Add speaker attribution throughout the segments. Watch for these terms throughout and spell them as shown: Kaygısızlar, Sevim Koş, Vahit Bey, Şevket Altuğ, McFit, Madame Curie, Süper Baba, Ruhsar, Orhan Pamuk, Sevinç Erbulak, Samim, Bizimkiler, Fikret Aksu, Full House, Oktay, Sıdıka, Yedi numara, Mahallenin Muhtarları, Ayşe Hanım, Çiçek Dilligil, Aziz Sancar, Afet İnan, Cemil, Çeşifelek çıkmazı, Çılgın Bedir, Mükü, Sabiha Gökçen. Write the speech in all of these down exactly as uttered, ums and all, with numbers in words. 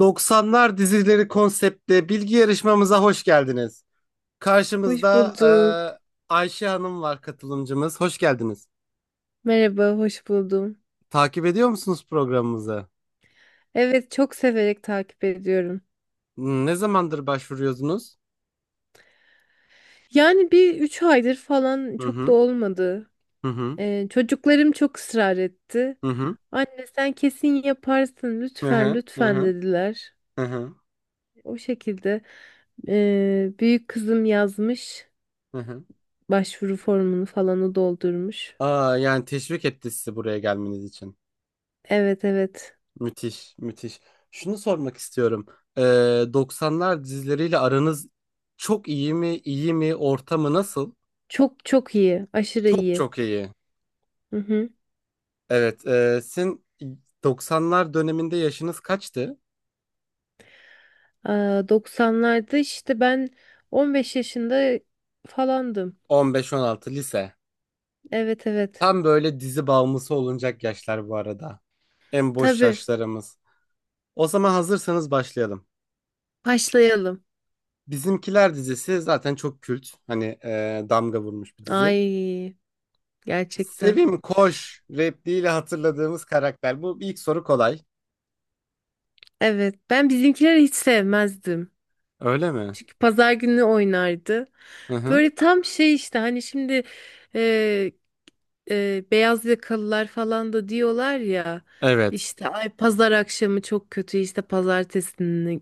Speaker 1: doksanlar dizileri konseptli bilgi yarışmamıza hoş geldiniz.
Speaker 2: Hoş
Speaker 1: Karşımızda
Speaker 2: bulduk.
Speaker 1: e, Ayşe Hanım var katılımcımız. Hoş geldiniz.
Speaker 2: Merhaba, hoş buldum.
Speaker 1: Takip ediyor musunuz programımızı?
Speaker 2: Evet, çok severek takip ediyorum.
Speaker 1: Hmm, Ne zamandır başvuruyorsunuz?
Speaker 2: Yani bir üç aydır falan
Speaker 1: Hı
Speaker 2: çok da
Speaker 1: hı
Speaker 2: olmadı.
Speaker 1: hı hı
Speaker 2: Ee, çocuklarım çok ısrar etti.
Speaker 1: hı
Speaker 2: Anne sen kesin yaparsın
Speaker 1: hı
Speaker 2: lütfen
Speaker 1: hı hı
Speaker 2: lütfen
Speaker 1: hı
Speaker 2: dediler.
Speaker 1: hı hı hı,
Speaker 2: O şekilde ee, büyük kızım yazmış
Speaker 1: hı hı.
Speaker 2: başvuru formunu falanı doldurmuş.
Speaker 1: Aa, yani teşvik etti sizi buraya gelmeniz için.
Speaker 2: Evet evet
Speaker 1: Müthiş, müthiş. Şunu sormak istiyorum. E, doksanlar dizileriyle aranız çok iyi mi, iyi mi, ortamı nasıl?
Speaker 2: çok çok iyi aşırı
Speaker 1: Çok
Speaker 2: iyi.
Speaker 1: çok iyi.
Speaker 2: Hı hı.
Speaker 1: Evet, e, sizin doksanlar döneminde yaşınız kaçtı?
Speaker 2: Aa, doksanlarda işte ben on beş yaşında falandım.
Speaker 1: On beş on altı lise.
Speaker 2: Evet evet.
Speaker 1: Tam böyle dizi bağımlısı olunacak yaşlar bu arada. En boş
Speaker 2: Tabii.
Speaker 1: yaşlarımız. O zaman hazırsanız başlayalım.
Speaker 2: Başlayalım.
Speaker 1: Bizimkiler dizisi zaten çok kült. Hani e, damga vurmuş bir dizi.
Speaker 2: Ay gerçekten.
Speaker 1: Sevim Koş repliğiyle hatırladığımız karakter. Bu ilk soru kolay.
Speaker 2: Evet. Ben bizimkileri hiç sevmezdim.
Speaker 1: Öyle mi?
Speaker 2: Çünkü pazar günü oynardı.
Speaker 1: Hı hı.
Speaker 2: Böyle tam şey işte hani şimdi e, beyaz yakalılar falan da diyorlar ya
Speaker 1: Evet.
Speaker 2: işte ay pazar akşamı çok kötü işte pazartesini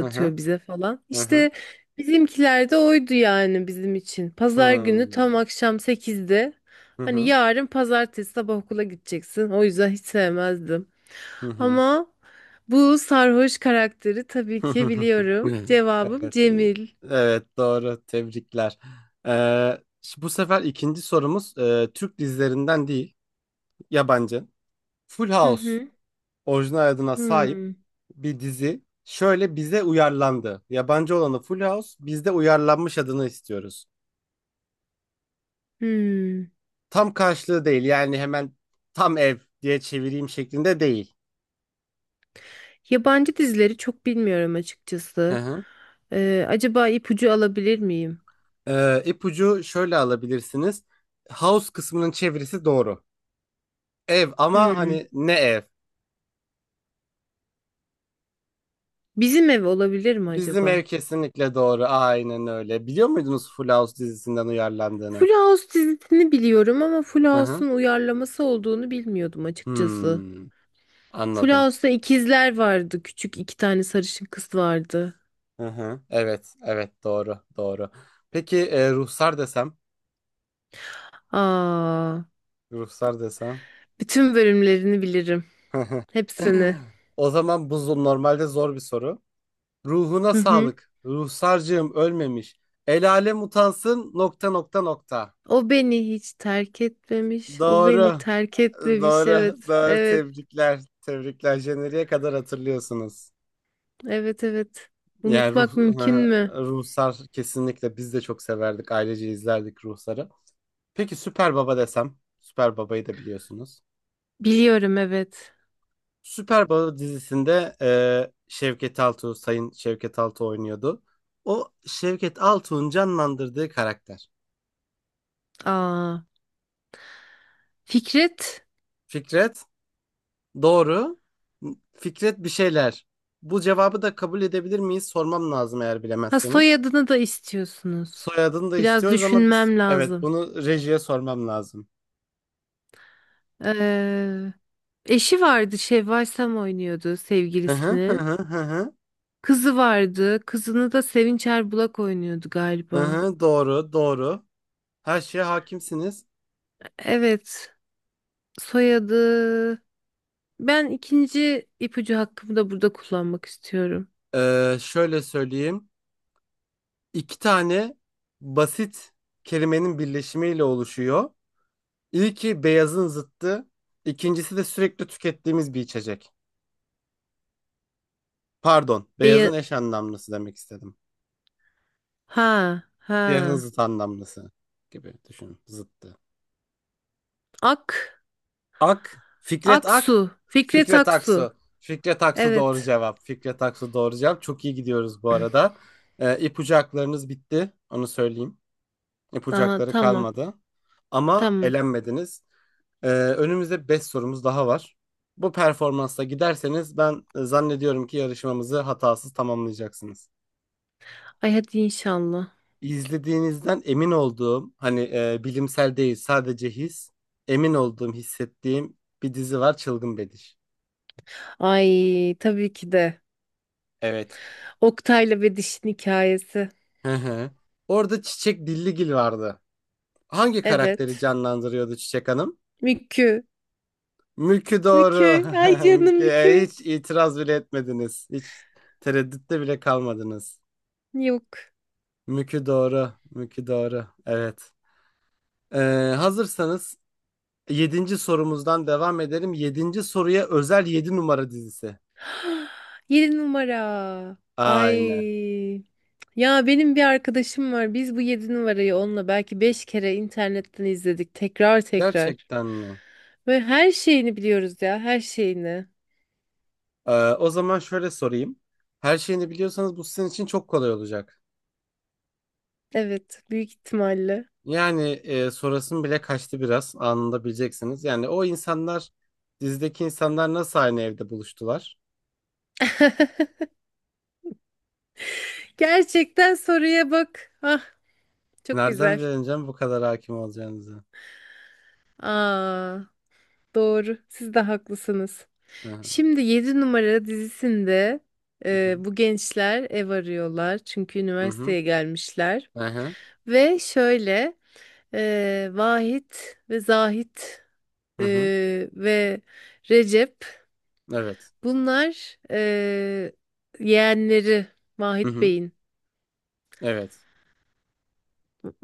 Speaker 1: Hı hı.
Speaker 2: bize falan.
Speaker 1: Hı hı.
Speaker 2: İşte bizimkiler de oydu yani bizim için.
Speaker 1: Hı
Speaker 2: Pazar
Speaker 1: hı.
Speaker 2: günü tam akşam sekizde
Speaker 1: Hı
Speaker 2: hani
Speaker 1: hı.
Speaker 2: yarın pazartesi sabah okula gideceksin. O yüzden hiç sevmezdim.
Speaker 1: Hı hı.
Speaker 2: Ama bu sarhoş karakteri tabii ki biliyorum. Cevabım
Speaker 1: Evet,
Speaker 2: Cemil.
Speaker 1: evet doğru. Tebrikler. Ee, şu- bu sefer ikinci sorumuz e, Türk dizilerinden değil, yabancı. Full
Speaker 2: Hı
Speaker 1: House
Speaker 2: hı.
Speaker 1: orijinal adına sahip
Speaker 2: Hmm.
Speaker 1: bir dizi. Şöyle bize uyarlandı. Yabancı olanı Full House, bizde uyarlanmış adını istiyoruz.
Speaker 2: Hmm.
Speaker 1: Tam karşılığı değil yani hemen tam ev diye çevireyim şeklinde değil.
Speaker 2: Yabancı dizileri çok bilmiyorum
Speaker 1: Hı
Speaker 2: açıkçası.
Speaker 1: hı.
Speaker 2: Ee, acaba ipucu alabilir miyim?
Speaker 1: Ee, ipucu şöyle alabilirsiniz. House kısmının çevirisi doğru. Ev ama
Speaker 2: Hmm.
Speaker 1: hani ne ev?
Speaker 2: Bizim Ev olabilir mi
Speaker 1: Bizim ev
Speaker 2: acaba?
Speaker 1: kesinlikle doğru. Aynen öyle. Biliyor muydunuz Full House dizisinden uyarlandığını?
Speaker 2: Full House dizisini biliyorum ama Full
Speaker 1: Hı hı.
Speaker 2: House'un uyarlaması olduğunu bilmiyordum açıkçası.
Speaker 1: Hmm,
Speaker 2: Full
Speaker 1: anladım.
Speaker 2: House'ta ikizler vardı. Küçük iki tane sarışın kız vardı.
Speaker 1: Hı hı. Evet, evet doğru, doğru. Peki e, Ruhsar desem,
Speaker 2: Aa,
Speaker 1: Ruhsar desem.
Speaker 2: bütün bölümlerini bilirim. Hepsini.
Speaker 1: O zaman bu zo- normalde zor bir soru. Ruhuna
Speaker 2: Hı hı.
Speaker 1: sağlık. Ruhsarcığım ölmemiş. El alem utansın nokta nokta nokta.
Speaker 2: O beni hiç terk etmemiş. O beni
Speaker 1: Doğru.
Speaker 2: terk etmemiş.
Speaker 1: Doğru.
Speaker 2: Evet.
Speaker 1: Doğru.
Speaker 2: Evet.
Speaker 1: Tebrikler. Tebrikler. Jeneriğe kadar hatırlıyorsunuz.
Speaker 2: Evet. Evet.
Speaker 1: Yani ruh,
Speaker 2: Unutmak mümkün mü?
Speaker 1: Ruhsar kesinlikle biz de çok severdik. Ailece izlerdik Ruhsar'ı. Peki Süper Baba desem. Süper Baba'yı da biliyorsunuz.
Speaker 2: Biliyorum evet.
Speaker 1: Süper Baba dizisinde e, Şevket Altuğ, Sayın Şevket Altuğ oynuyordu. O Şevket Altuğ'un canlandırdığı karakter.
Speaker 2: Aa, Fikret,
Speaker 1: Fikret, doğru. Fikret bir şeyler. Bu cevabı da kabul edebilir miyiz? Sormam lazım eğer
Speaker 2: ha
Speaker 1: bilemezseniz.
Speaker 2: soyadını da istiyorsunuz.
Speaker 1: Soyadını da
Speaker 2: Biraz
Speaker 1: istiyoruz ama biz
Speaker 2: düşünmem
Speaker 1: evet
Speaker 2: lazım.
Speaker 1: bunu rejiye sormam lazım.
Speaker 2: Ee, eşi vardı, Şevval Sam oynuyordu
Speaker 1: Hı hı hı
Speaker 2: sevgilisini.
Speaker 1: hı hı.
Speaker 2: Kızı vardı, kızını da Sevinç Erbulak oynuyordu
Speaker 1: Hı
Speaker 2: galiba.
Speaker 1: hı, doğru, doğru. Her şeye hakimsiniz.
Speaker 2: Evet, soyadı. Ben ikinci ipucu hakkımı da burada kullanmak istiyorum.
Speaker 1: Ee, şöyle söyleyeyim. İki tane basit kelimenin birleşimiyle oluşuyor. İlki beyazın zıttı. İkincisi de sürekli tükettiğimiz bir içecek. Pardon, beyazın
Speaker 2: Beya-
Speaker 1: eş anlamlısı demek istedim.
Speaker 2: ha,
Speaker 1: Siyahın
Speaker 2: ha.
Speaker 1: zıt anlamlısı gibi düşünün. Zıttı.
Speaker 2: Ak,
Speaker 1: Ak, Fikret Ak,
Speaker 2: Aksu, Fikret
Speaker 1: Fikret
Speaker 2: Aksu.
Speaker 1: Aksu. Fikret Aksu doğru
Speaker 2: Evet.
Speaker 1: cevap. Fikret Aksu doğru cevap. Çok iyi gidiyoruz bu arada. Ee, ipucu haklarınız bitti. Onu söyleyeyim.
Speaker 2: Aa,
Speaker 1: Yapacakları
Speaker 2: tamam.
Speaker 1: kalmadı. Ama
Speaker 2: Tamam.
Speaker 1: elenmediniz. Ee, önümüzde beş sorumuz daha var. Bu performansla giderseniz ben e, zannediyorum ki yarışmamızı hatasız tamamlayacaksınız.
Speaker 2: Ay hadi inşallah.
Speaker 1: İzlediğinizden emin olduğum, hani e, bilimsel değil sadece his, emin olduğum, hissettiğim bir dizi var Çılgın Bedir.
Speaker 2: Ay tabii ki de.
Speaker 1: Evet.
Speaker 2: Oktay'la ve dişin hikayesi.
Speaker 1: Hı hı. Orada Çiçek Dilligil vardı. Hangi karakteri
Speaker 2: Evet.
Speaker 1: canlandırıyordu Çiçek Hanım?
Speaker 2: Mükü.
Speaker 1: Mülkü doğru.
Speaker 2: Mükü. Ay canım
Speaker 1: Mülkü e,
Speaker 2: Mükü.
Speaker 1: hiç itiraz bile etmediniz. Hiç tereddütte bile kalmadınız.
Speaker 2: Yok.
Speaker 1: Mülkü doğru. Mülkü doğru. Evet. Ee, Hazırsanız yedinci sorumuzdan devam edelim. Yedinci soruya özel Yedi Numara dizisi.
Speaker 2: Yedi numara. Ay.
Speaker 1: Aynen.
Speaker 2: Ya benim bir arkadaşım var. Biz bu yedi numarayı onunla belki beş kere internetten izledik. Tekrar tekrar.
Speaker 1: Gerçekten mi?
Speaker 2: Ve her şeyini biliyoruz ya. Her şeyini.
Speaker 1: Ee, o zaman şöyle sorayım. Her şeyini biliyorsanız bu sizin için çok kolay olacak.
Speaker 2: Evet. Büyük ihtimalle.
Speaker 1: Yani e, sorasım bile kaçtı biraz. Anında bileceksiniz. Yani o insanlar dizideki insanlar nasıl aynı evde buluştular?
Speaker 2: Gerçekten soruya bak. Ah çok
Speaker 1: Nereden
Speaker 2: güzel.
Speaker 1: bilemeyeceğim bu kadar hakim olacağınızı?
Speaker 2: Aa, doğru. Siz de haklısınız.
Speaker 1: Hı hı.
Speaker 2: Şimdi yedi numara dizisinde e,
Speaker 1: Hı
Speaker 2: bu gençler ev arıyorlar. Çünkü
Speaker 1: hı.
Speaker 2: üniversiteye gelmişler.
Speaker 1: Hı hı. Hı hı.
Speaker 2: Ve şöyle e, Vahit ve Zahit
Speaker 1: Hı
Speaker 2: e,
Speaker 1: hı.
Speaker 2: ve Recep
Speaker 1: Evet.
Speaker 2: bunlar e, yeğenleri
Speaker 1: Hı
Speaker 2: Vahit
Speaker 1: hı.
Speaker 2: Bey'in.
Speaker 1: Evet.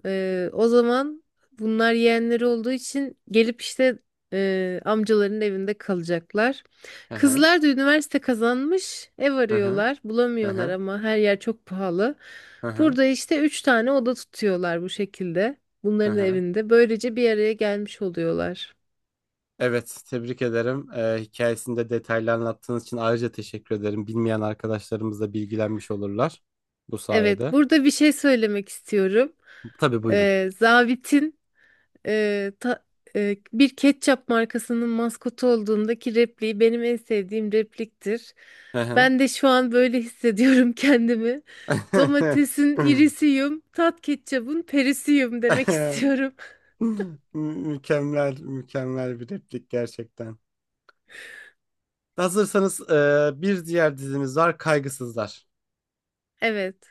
Speaker 2: Ee, o zaman bunlar yeğenleri olduğu için gelip işte e, amcaların evinde kalacaklar.
Speaker 1: Hı hı.
Speaker 2: Kızlar da üniversite kazanmış, ev
Speaker 1: Hı hı.
Speaker 2: arıyorlar,
Speaker 1: Hı
Speaker 2: bulamıyorlar
Speaker 1: hı.
Speaker 2: ama her yer çok pahalı.
Speaker 1: Hı hı.
Speaker 2: Burada işte üç tane oda tutuyorlar bu şekilde.
Speaker 1: Hı
Speaker 2: Bunların
Speaker 1: hı.
Speaker 2: evinde. Böylece bir araya gelmiş oluyorlar.
Speaker 1: Evet, tebrik ederim. Ee, hikayesinde detaylı anlattığınız için ayrıca teşekkür ederim. Bilmeyen arkadaşlarımız da bilgilenmiş olurlar bu
Speaker 2: Evet,
Speaker 1: sayede.
Speaker 2: burada bir şey söylemek istiyorum.
Speaker 1: Tabii buyurun.
Speaker 2: Ee, zabitin e, ta- e, bir ketçap markasının maskotu olduğundaki repliği benim en sevdiğim repliktir.
Speaker 1: Hı hı.
Speaker 2: Ben de şu an böyle hissediyorum kendimi. Domatesin irisiyim, tat ketçabın perisiyim demek istiyorum.
Speaker 1: Mükemmel, mükemmel bir replik gerçekten. Hazırsanız e, bir diğer dizimiz var Kaygısızlar.
Speaker 2: Evet.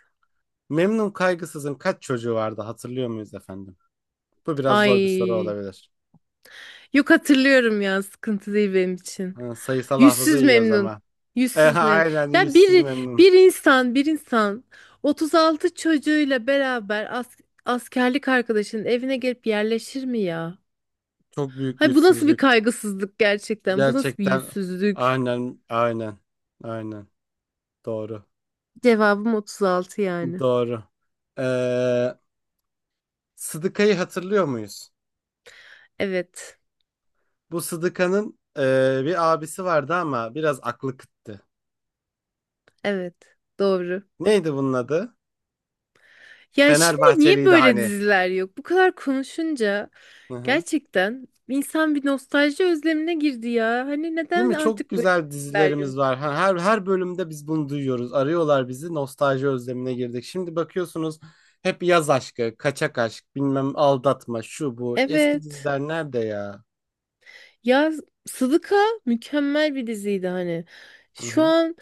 Speaker 1: Memnun Kaygısız'ın kaç çocuğu vardı hatırlıyor muyuz efendim? Bu biraz zor bir soru
Speaker 2: Ay.
Speaker 1: olabilir.
Speaker 2: Yok hatırlıyorum ya sıkıntı değil benim için.
Speaker 1: Ha, sayısal hafıza
Speaker 2: Yüzsüz
Speaker 1: iyi o
Speaker 2: memnun.
Speaker 1: zaman. E,
Speaker 2: Yüzsüz memnun.
Speaker 1: aynen
Speaker 2: Ya
Speaker 1: yüzsüz
Speaker 2: bir
Speaker 1: memnun.
Speaker 2: bir insan bir insan otuz altı çocuğuyla beraber as- askerlik arkadaşının evine gelip yerleşir mi ya?
Speaker 1: Çok büyük
Speaker 2: Hay bu nasıl bir
Speaker 1: yüzsüzlük.
Speaker 2: kaygısızlık gerçekten? Bu nasıl bir
Speaker 1: Gerçekten
Speaker 2: yüzsüzlük?
Speaker 1: aynen aynen aynen doğru
Speaker 2: Cevabım otuz altı yani.
Speaker 1: doğru. Ee, Sıdıka'yı hatırlıyor muyuz?
Speaker 2: Evet.
Speaker 1: Bu Sıdıka'nın e, bir abisi vardı ama biraz aklı kıttı.
Speaker 2: Evet. Doğru.
Speaker 1: Neydi bunun adı?
Speaker 2: Ya şimdi niye
Speaker 1: Fenerbahçeliydi
Speaker 2: böyle
Speaker 1: hani.
Speaker 2: diziler yok? Bu kadar konuşunca
Speaker 1: Hı hı.
Speaker 2: gerçekten insan bir nostalji özlemine girdi ya. Hani
Speaker 1: Değil
Speaker 2: neden
Speaker 1: mi? Çok
Speaker 2: artık böyle
Speaker 1: güzel
Speaker 2: diziler
Speaker 1: dizilerimiz
Speaker 2: yok?
Speaker 1: var. Ha, Her her bölümde biz bunu duyuyoruz. Arıyorlar bizi. Nostalji özlemine girdik. Şimdi bakıyorsunuz hep yaz aşkı, kaçak aşk, bilmem aldatma, şu bu. Eski
Speaker 2: Evet.
Speaker 1: diziler nerede ya?
Speaker 2: Ya Sıdıka mükemmel bir diziydi hani.
Speaker 1: Hı
Speaker 2: Şu
Speaker 1: hı.
Speaker 2: an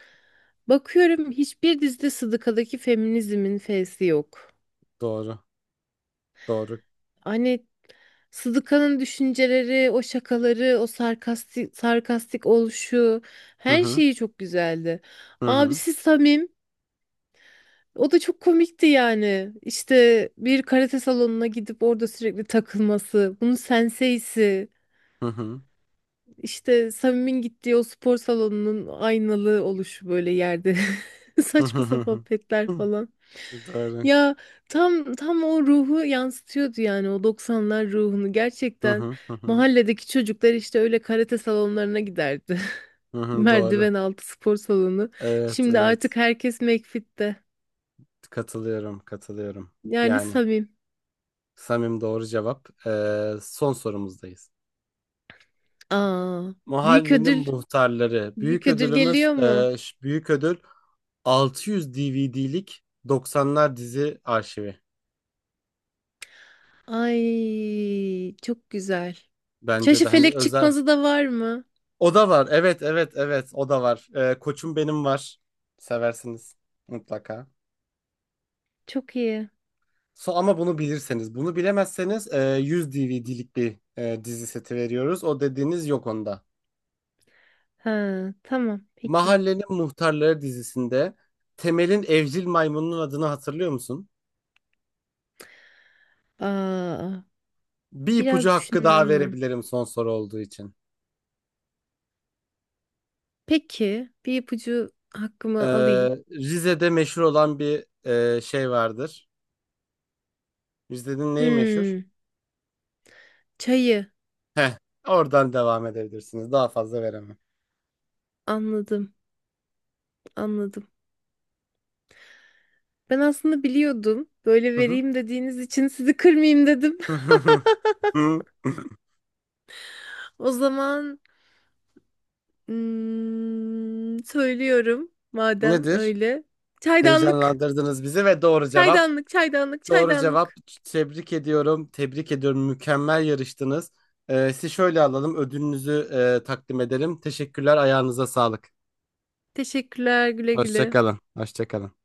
Speaker 2: bakıyorum hiçbir dizide Sıdıka'daki feminizmin fesi yok.
Speaker 1: Doğru. Doğru.
Speaker 2: Hani Sıdıka'nın düşünceleri, o şakaları, o sarkastik, sarkastik oluşu
Speaker 1: Hı
Speaker 2: her
Speaker 1: hı.
Speaker 2: şeyi çok güzeldi.
Speaker 1: Hı hı.
Speaker 2: Abisi Samim. O da çok komikti yani. İşte bir karate salonuna gidip orada sürekli takılması, bunun senseisi,
Speaker 1: Hı hı.
Speaker 2: işte Samim'in gittiği o spor salonunun aynalı oluşu böyle yerde.
Speaker 1: Hı hı.
Speaker 2: Saçma
Speaker 1: Hı
Speaker 2: sapan
Speaker 1: hı.
Speaker 2: petler
Speaker 1: Hı.
Speaker 2: falan.
Speaker 1: Doğru.
Speaker 2: Ya tam tam o ruhu yansıtıyordu yani o doksanlar ruhunu
Speaker 1: Hı
Speaker 2: gerçekten.
Speaker 1: hı. Hı hı.
Speaker 2: Mahalledeki çocuklar işte öyle karate salonlarına giderdi.
Speaker 1: Hı hı. Doğru.
Speaker 2: Merdiven altı spor salonu.
Speaker 1: Evet,
Speaker 2: Şimdi
Speaker 1: evet.
Speaker 2: artık herkes McFit'te.
Speaker 1: Katılıyorum, katılıyorum.
Speaker 2: Yani
Speaker 1: Yani
Speaker 2: Samim.
Speaker 1: Samim doğru cevap. Ee, son sorumuzdayız.
Speaker 2: Aa, büyük
Speaker 1: Mahallenin
Speaker 2: ödül.
Speaker 1: Muhtarları.
Speaker 2: Büyük
Speaker 1: Büyük
Speaker 2: ödül
Speaker 1: ödülümüz
Speaker 2: geliyor mu?
Speaker 1: e, ş- büyük ödül altı yüz D V D'lik doksanlar dizi arşivi.
Speaker 2: Ay, çok güzel.
Speaker 1: Bence de hani
Speaker 2: Çeşifelek
Speaker 1: özel.
Speaker 2: çıkmazı da var mı?
Speaker 1: O da var. Evet evet evet o da var. E, Koçum Benim var. Seversiniz mutlaka.
Speaker 2: Çok iyi.
Speaker 1: So, ama bunu bilirseniz. Bunu bilemezseniz e, yüz D V D'lik bir e, dizi seti veriyoruz. O dediğiniz yok onda.
Speaker 2: Ha, tamam, peki.
Speaker 1: Mahallenin Muhtarları dizisinde Temel'in evcil maymununun adını hatırlıyor musun?
Speaker 2: Aa,
Speaker 1: Bir ipucu
Speaker 2: biraz
Speaker 1: hakkı daha
Speaker 2: düşünmem lazım.
Speaker 1: verebilirim son soru olduğu için.
Speaker 2: Peki, bir ipucu
Speaker 1: Ee,
Speaker 2: hakkımı alayım.
Speaker 1: Rize'de meşhur olan bir e, şey vardır. Rize'nin neyi meşhur?
Speaker 2: Hmm, çayı.
Speaker 1: Heh, oradan devam edebilirsiniz. Daha fazla veremem.
Speaker 2: Anladım, anladım. Ben aslında biliyordum. Böyle
Speaker 1: Hı
Speaker 2: vereyim dediğiniz için sizi kırmayayım dedim.
Speaker 1: hı.
Speaker 2: O zaman Hmm, söylüyorum madem
Speaker 1: Nedir?
Speaker 2: öyle. Çaydanlık,
Speaker 1: Heyecanlandırdınız bizi ve doğru cevap.
Speaker 2: çaydanlık, çaydanlık,
Speaker 1: Doğru cevap.
Speaker 2: çaydanlık.
Speaker 1: Tebrik ediyorum. Tebrik ediyorum. Mükemmel yarıştınız. Ee, sizi şöyle alalım. Ödülünüzü e, takdim edelim. Teşekkürler. Ayağınıza sağlık.
Speaker 2: Teşekkürler güle
Speaker 1: Hoşça
Speaker 2: güle.
Speaker 1: kalın. Hoşça kalın.